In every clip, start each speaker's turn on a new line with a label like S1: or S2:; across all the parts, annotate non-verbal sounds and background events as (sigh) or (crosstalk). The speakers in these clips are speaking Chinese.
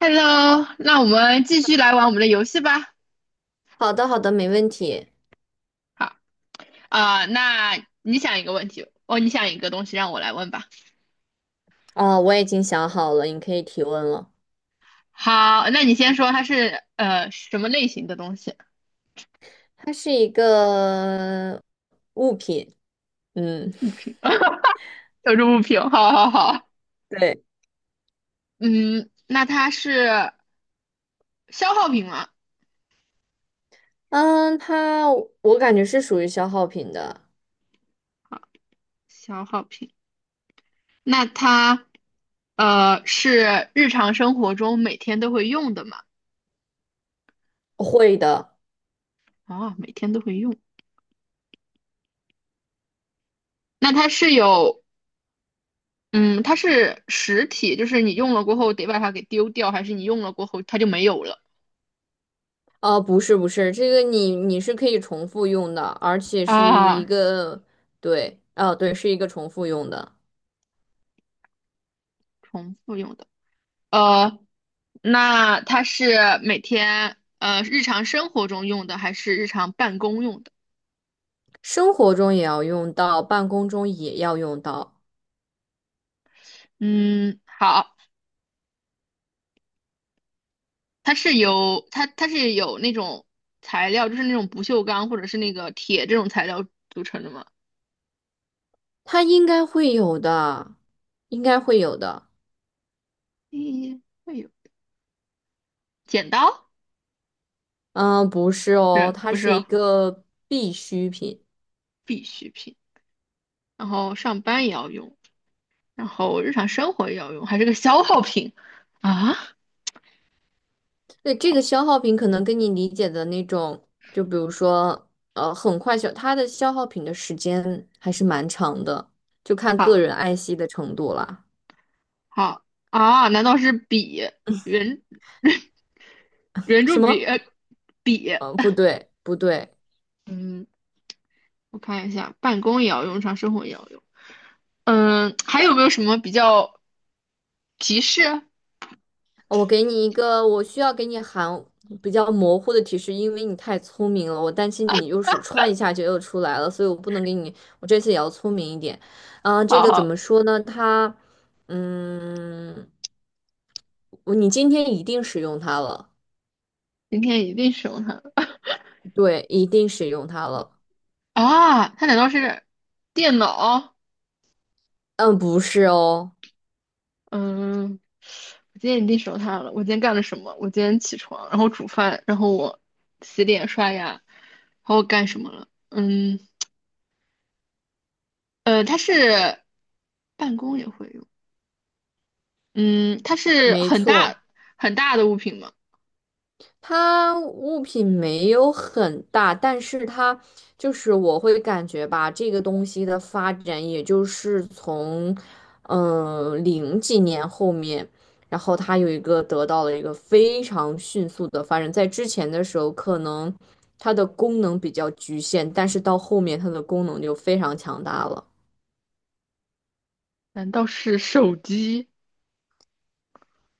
S1: Hello，那我们继续来玩我们的游戏吧。
S2: 好的，好的，没问题。
S1: 好，啊、那你想一个问题，哦，你想一个东西让我来问吧。
S2: 哦，我已经想好了，你可以提问了。
S1: 好，那你先说它是什么类型的东西？
S2: 它是一个物品，嗯，
S1: 有这物品，好好好。
S2: 对。
S1: 嗯，那它是消耗品吗？
S2: 嗯，它我感觉是属于消耗品的。
S1: 好，消耗品。那它是日常生活中每天都会用的吗？
S2: 会的。
S1: 哦，每天都会用。那它是有嗯，它是实体，就是你用了过后得把它给丢掉，还是你用了过后它就没有了
S2: 啊，不是，不是，这个你是可以重复用的，而且是一
S1: 啊？
S2: 个，对，啊，对，是一个重复用的。
S1: 重复用的，呃，那它是每天日常生活中用的，还是日常办公用的？
S2: 生活中也要用到，办公中也要用到。
S1: 嗯，好，它是有那种材料，就是那种不锈钢或者是那个铁这种材料组成的吗？
S2: 它应该会有的，应该会有的。
S1: 咦，会有剪刀？
S2: 嗯，不是
S1: 不
S2: 哦，
S1: 是
S2: 它
S1: 不是
S2: 是一
S1: 哦，
S2: 个必需品。
S1: 必需品，然后上班也要用。然后日常生活也要用，还是个消耗品啊？
S2: 对，这个
S1: 好，
S2: 消耗品可能跟你理解的那种，就比如说，很快消，它的消耗品的时间还是蛮长的，就看个
S1: 好，
S2: 人爱惜的程度啦。
S1: 好啊？难道是笔、圆 (laughs) 圆
S2: 什
S1: 珠笔、
S2: 么？
S1: 笔？
S2: 嗯，不对，不对。
S1: 嗯，我看一下，办公也要用上，日常生活也要用。嗯，还有没有什么比较提示？
S2: 我给你一个，我需要给你含比较模糊的提示，因为你太聪明了，我担心你又是歘一下就又出来了，所以我不能给你，我这次也要聪明一点。啊、这个怎
S1: 好，
S2: 么说呢？它，嗯，我你今天一定使用它了。
S1: 今天一定使用它了
S2: 对，一定使用它了。
S1: 啊！它难道是电脑？
S2: 嗯，不是哦。
S1: 嗯，我今天已经手它了。我今天干了什么？我今天起床，然后煮饭，然后我洗脸刷牙，然后我干什么了？嗯，它是办公也会用。嗯，它是
S2: 没
S1: 很大
S2: 错。
S1: 很大的物品吗？
S2: 它物品没有很大，但是它就是我会感觉吧，这个东西的发展，也就是从零几年后面，然后它有一个得到了一个非常迅速的发展，在之前的时候可能它的功能比较局限，但是到后面它的功能就非常强大了。
S1: 难道是手机？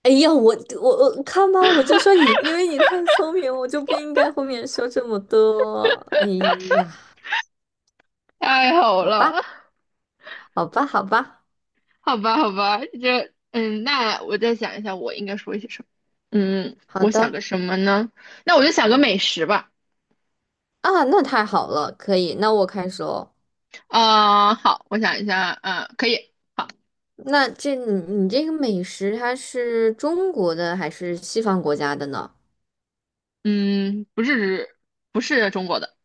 S2: 哎呀，我我看吧，我就说你，因为你太聪明，我就不应该后面说这么多。哎呀，
S1: 太好
S2: 好吧。
S1: 了，
S2: 好吧，好吧，
S1: (laughs) 好吧，好吧，那我再想一下，我应该说一些什么？嗯，
S2: 好
S1: 我想
S2: 的。
S1: 个什么呢？那我就想个美食吧。
S2: 啊，那太好了，可以，那我开始哦。
S1: 啊、好，我想一下，啊、可以。
S2: 那这你你这个美食，它是中国的还是西方国家的呢？
S1: 嗯，不是，不是中国的，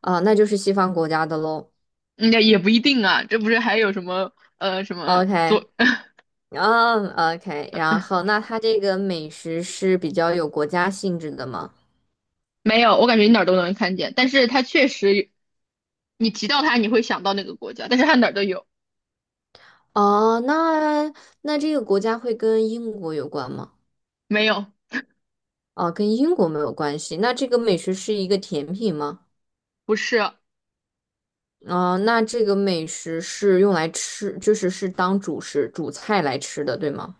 S2: 啊，那就是西方国家的喽。
S1: 应也不一定啊。这不是还有什么
S2: OK，
S1: 左？
S2: 嗯，OK，然
S1: 呃
S2: 后那它这个美食是比较有国家性质的吗？
S1: 没有，我感觉你哪儿都能看见，但是它确实，你提到它你会想到那个国家，但是它哪儿都有。
S2: 哦，那这个国家会跟英国有关吗？
S1: 没有，
S2: 哦，跟英国没有关系。那这个美食是一个甜品吗？
S1: 不是，
S2: 哦，那这个美食是用来吃，就是是当主食、主菜来吃的，对吗？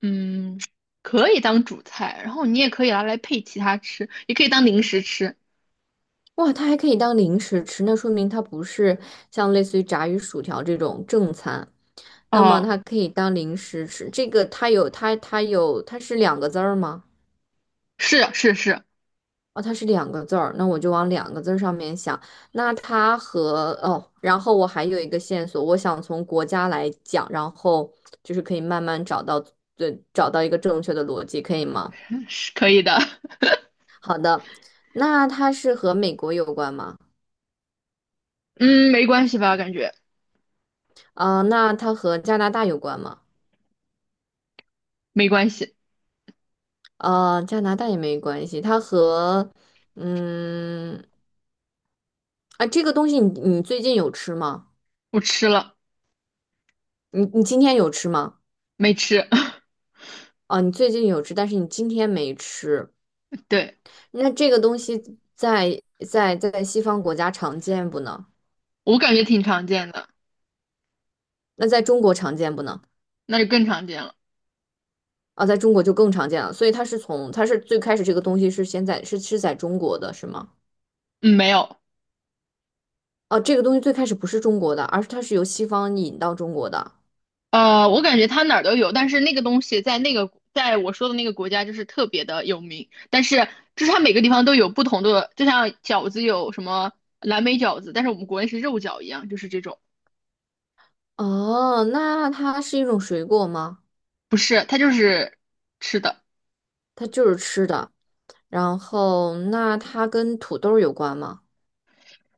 S1: 嗯，可以当主菜，然后你也可以拿来配其他吃，也可以当零食吃。
S2: 哇，它还可以当零食吃，那说明它不是像类似于炸鱼薯条这种正餐，那么
S1: 哦，
S2: 它可以当零食吃。这个它是两个字儿吗？
S1: 是啊是是，
S2: 哦，它是两个字儿，那我就往两个字儿上面想。那它和哦，然后我还有一个线索，我想从国家来讲，然后就是可以慢慢找到，对，找到一个正确的逻辑，可以吗？
S1: 是可以的。
S2: 那它是和美国有关吗？
S1: (laughs) 嗯，没关系吧？感觉
S2: 啊，那它和加拿大有关吗？
S1: 没关系，
S2: 呃，加拿大也没关系。它和，嗯，啊，这个东西你最近有吃吗？
S1: 我吃了
S2: 你今天有吃吗？
S1: 没吃？
S2: 啊，你最近有吃，但是你今天没吃。
S1: (laughs) 对，
S2: 那这个东西在西方国家常见不呢？
S1: 我感觉挺常见的。
S2: 那在中国常见不呢？
S1: 那就更常见了。
S2: 啊，在中国就更常见了。所以它是从它是最开始这个东西是先在是在中国的是吗？
S1: 嗯，没有，
S2: 哦，这个东西最开始不是中国的，而是它是由西方引到中国的。
S1: 我感觉它哪儿都有，但是那个东西在那个在我说的那个国家就是特别的有名，但是就是它每个地方都有不同的，就像饺子有什么蓝莓饺子，但是我们国内是肉饺一样，就是这种，
S2: 哦，那它是一种水果吗？
S1: 不是，它就是吃的。
S2: 它就是吃的。然后，那它跟土豆儿有关吗？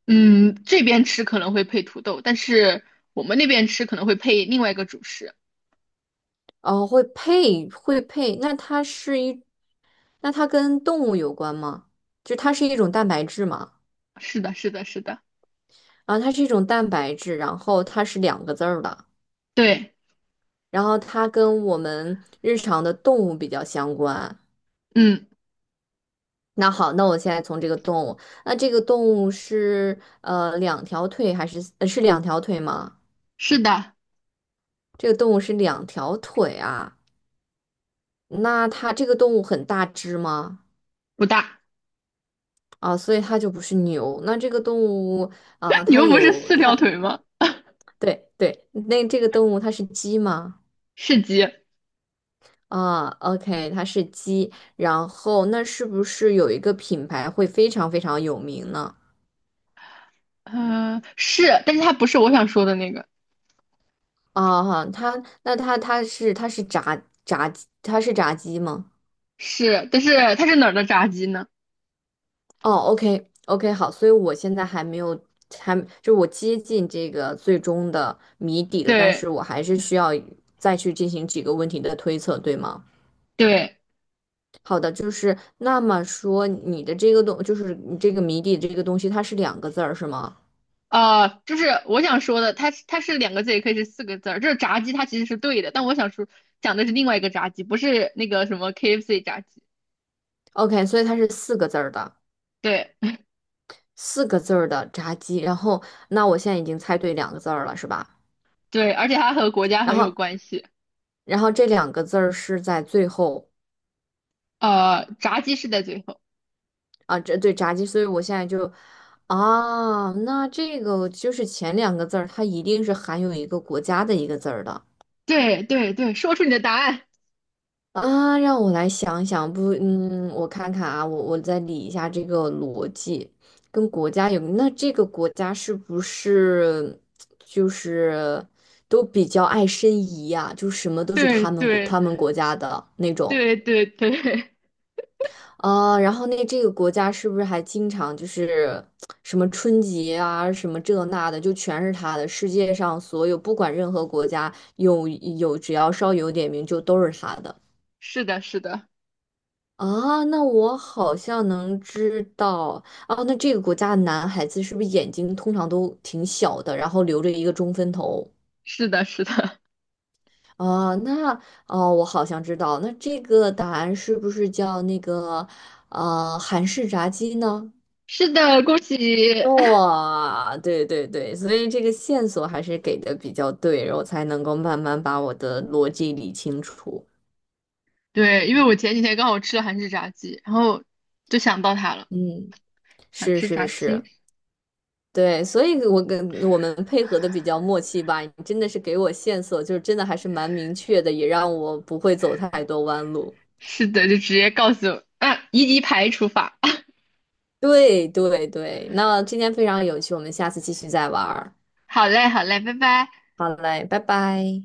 S1: 嗯，这边吃可能会配土豆，但是我们那边吃可能会配另外一个主食。
S2: 哦，会配。那它是一，那它跟动物有关吗？就它是一种蛋白质嘛？
S1: 是的，是的，是的，
S2: 啊，它是一种蛋白质，然后它是两个字儿的，
S1: 对，
S2: 然后它跟我们日常的动物比较相关。
S1: 嗯，
S2: 那好，那我现在从这个动物，那这个动物是两条腿还是是两条腿吗？
S1: 是的，
S2: 这个动物是两条腿啊，那它这个动物很大只吗？
S1: 不大。
S2: 啊，所以它就不是牛。那这个动物啊，
S1: (laughs) 你
S2: 它
S1: 们不是
S2: 有
S1: 四
S2: 它，
S1: 条腿吗？
S2: 对对，那这个动物它是鸡吗？
S1: 是鸡。
S2: 啊，OK，它是鸡。然后那是不是有一个品牌会非常非常有名呢？
S1: 是，但是它不是我想说的那个，
S2: 啊，哈，它那它是炸鸡，它是炸鸡吗？
S1: 是，但是它是哪儿的炸鸡呢？
S2: 哦，OK OK,好，所以我现在还没有，还就是我接近这个最终的谜底了，但
S1: 对
S2: 是我还是需要再去进行几个问题的推测，对吗？
S1: 对，
S2: 好的，就是那么说你的这个东，就是你这个谜底这个东西，它是两个字儿是吗
S1: 就是我想说的，它是两个字，也可以是四个字儿。就是炸鸡它其实是对的，但我想说讲的是另外一个炸鸡，不是那个什么 KFC 炸鸡。
S2: ？OK，所以它是四个字儿的，
S1: 对
S2: 四个字儿的炸鸡。然后那我现在已经猜对两个字儿了，是吧？
S1: 对，而且它和国家
S2: 然
S1: 很有
S2: 后
S1: 关系。
S2: 然后这两个字儿是在最后。
S1: 炸鸡是在最后。
S2: 啊，这对炸鸡，所以我现在就，啊，那这个就是前两个字儿，它一定是含有一个国家的一个字儿的
S1: 对对对，说出你的答案。
S2: 啊。让我来想想，不，嗯，我看看啊，我再理一下这个逻辑，跟国家有，那这个国家是不是就是都比较爱申遗呀、就什么都是
S1: 对
S2: 他们国
S1: 对
S2: 他们国家的那种。
S1: 对对对，(laughs)
S2: 啊，然后那这个国家是不是还经常就是什么春节啊，什么这那的，就全是他的。世界上所有不管任何国家有，只要稍有点名就都是他的
S1: 是的，是的，
S2: 啊。那我好像能知道啊，那这个国家的男孩子是不是眼睛通常都挺小的，然后留着一个中分头
S1: 是的，是的，
S2: 啊？那哦，我好像知道，那这个答案是不是叫那个韩式炸鸡呢？
S1: (laughs) 是的，恭喜
S2: 哇，对对对，所以这个线索还是给的比较对，然后才能够慢慢把我的逻辑理清楚。
S1: 对，因为我前几天刚好吃了韩式炸鸡，然后就想到它了，
S2: 嗯，
S1: 想
S2: 是
S1: 吃
S2: 是
S1: 炸鸡。
S2: 是，对，所以我跟我们配合的比较默契吧。你真的是给我线索，就是真的还是蛮明确的，也让我不会走太多弯路。
S1: 是的，就直接告诉我，嗯，一级排除法。(laughs)
S2: 对对对，那今天非常有趣，我们下次继续再玩儿。
S1: 好嘞，好嘞，拜拜。
S2: 好嘞，拜拜。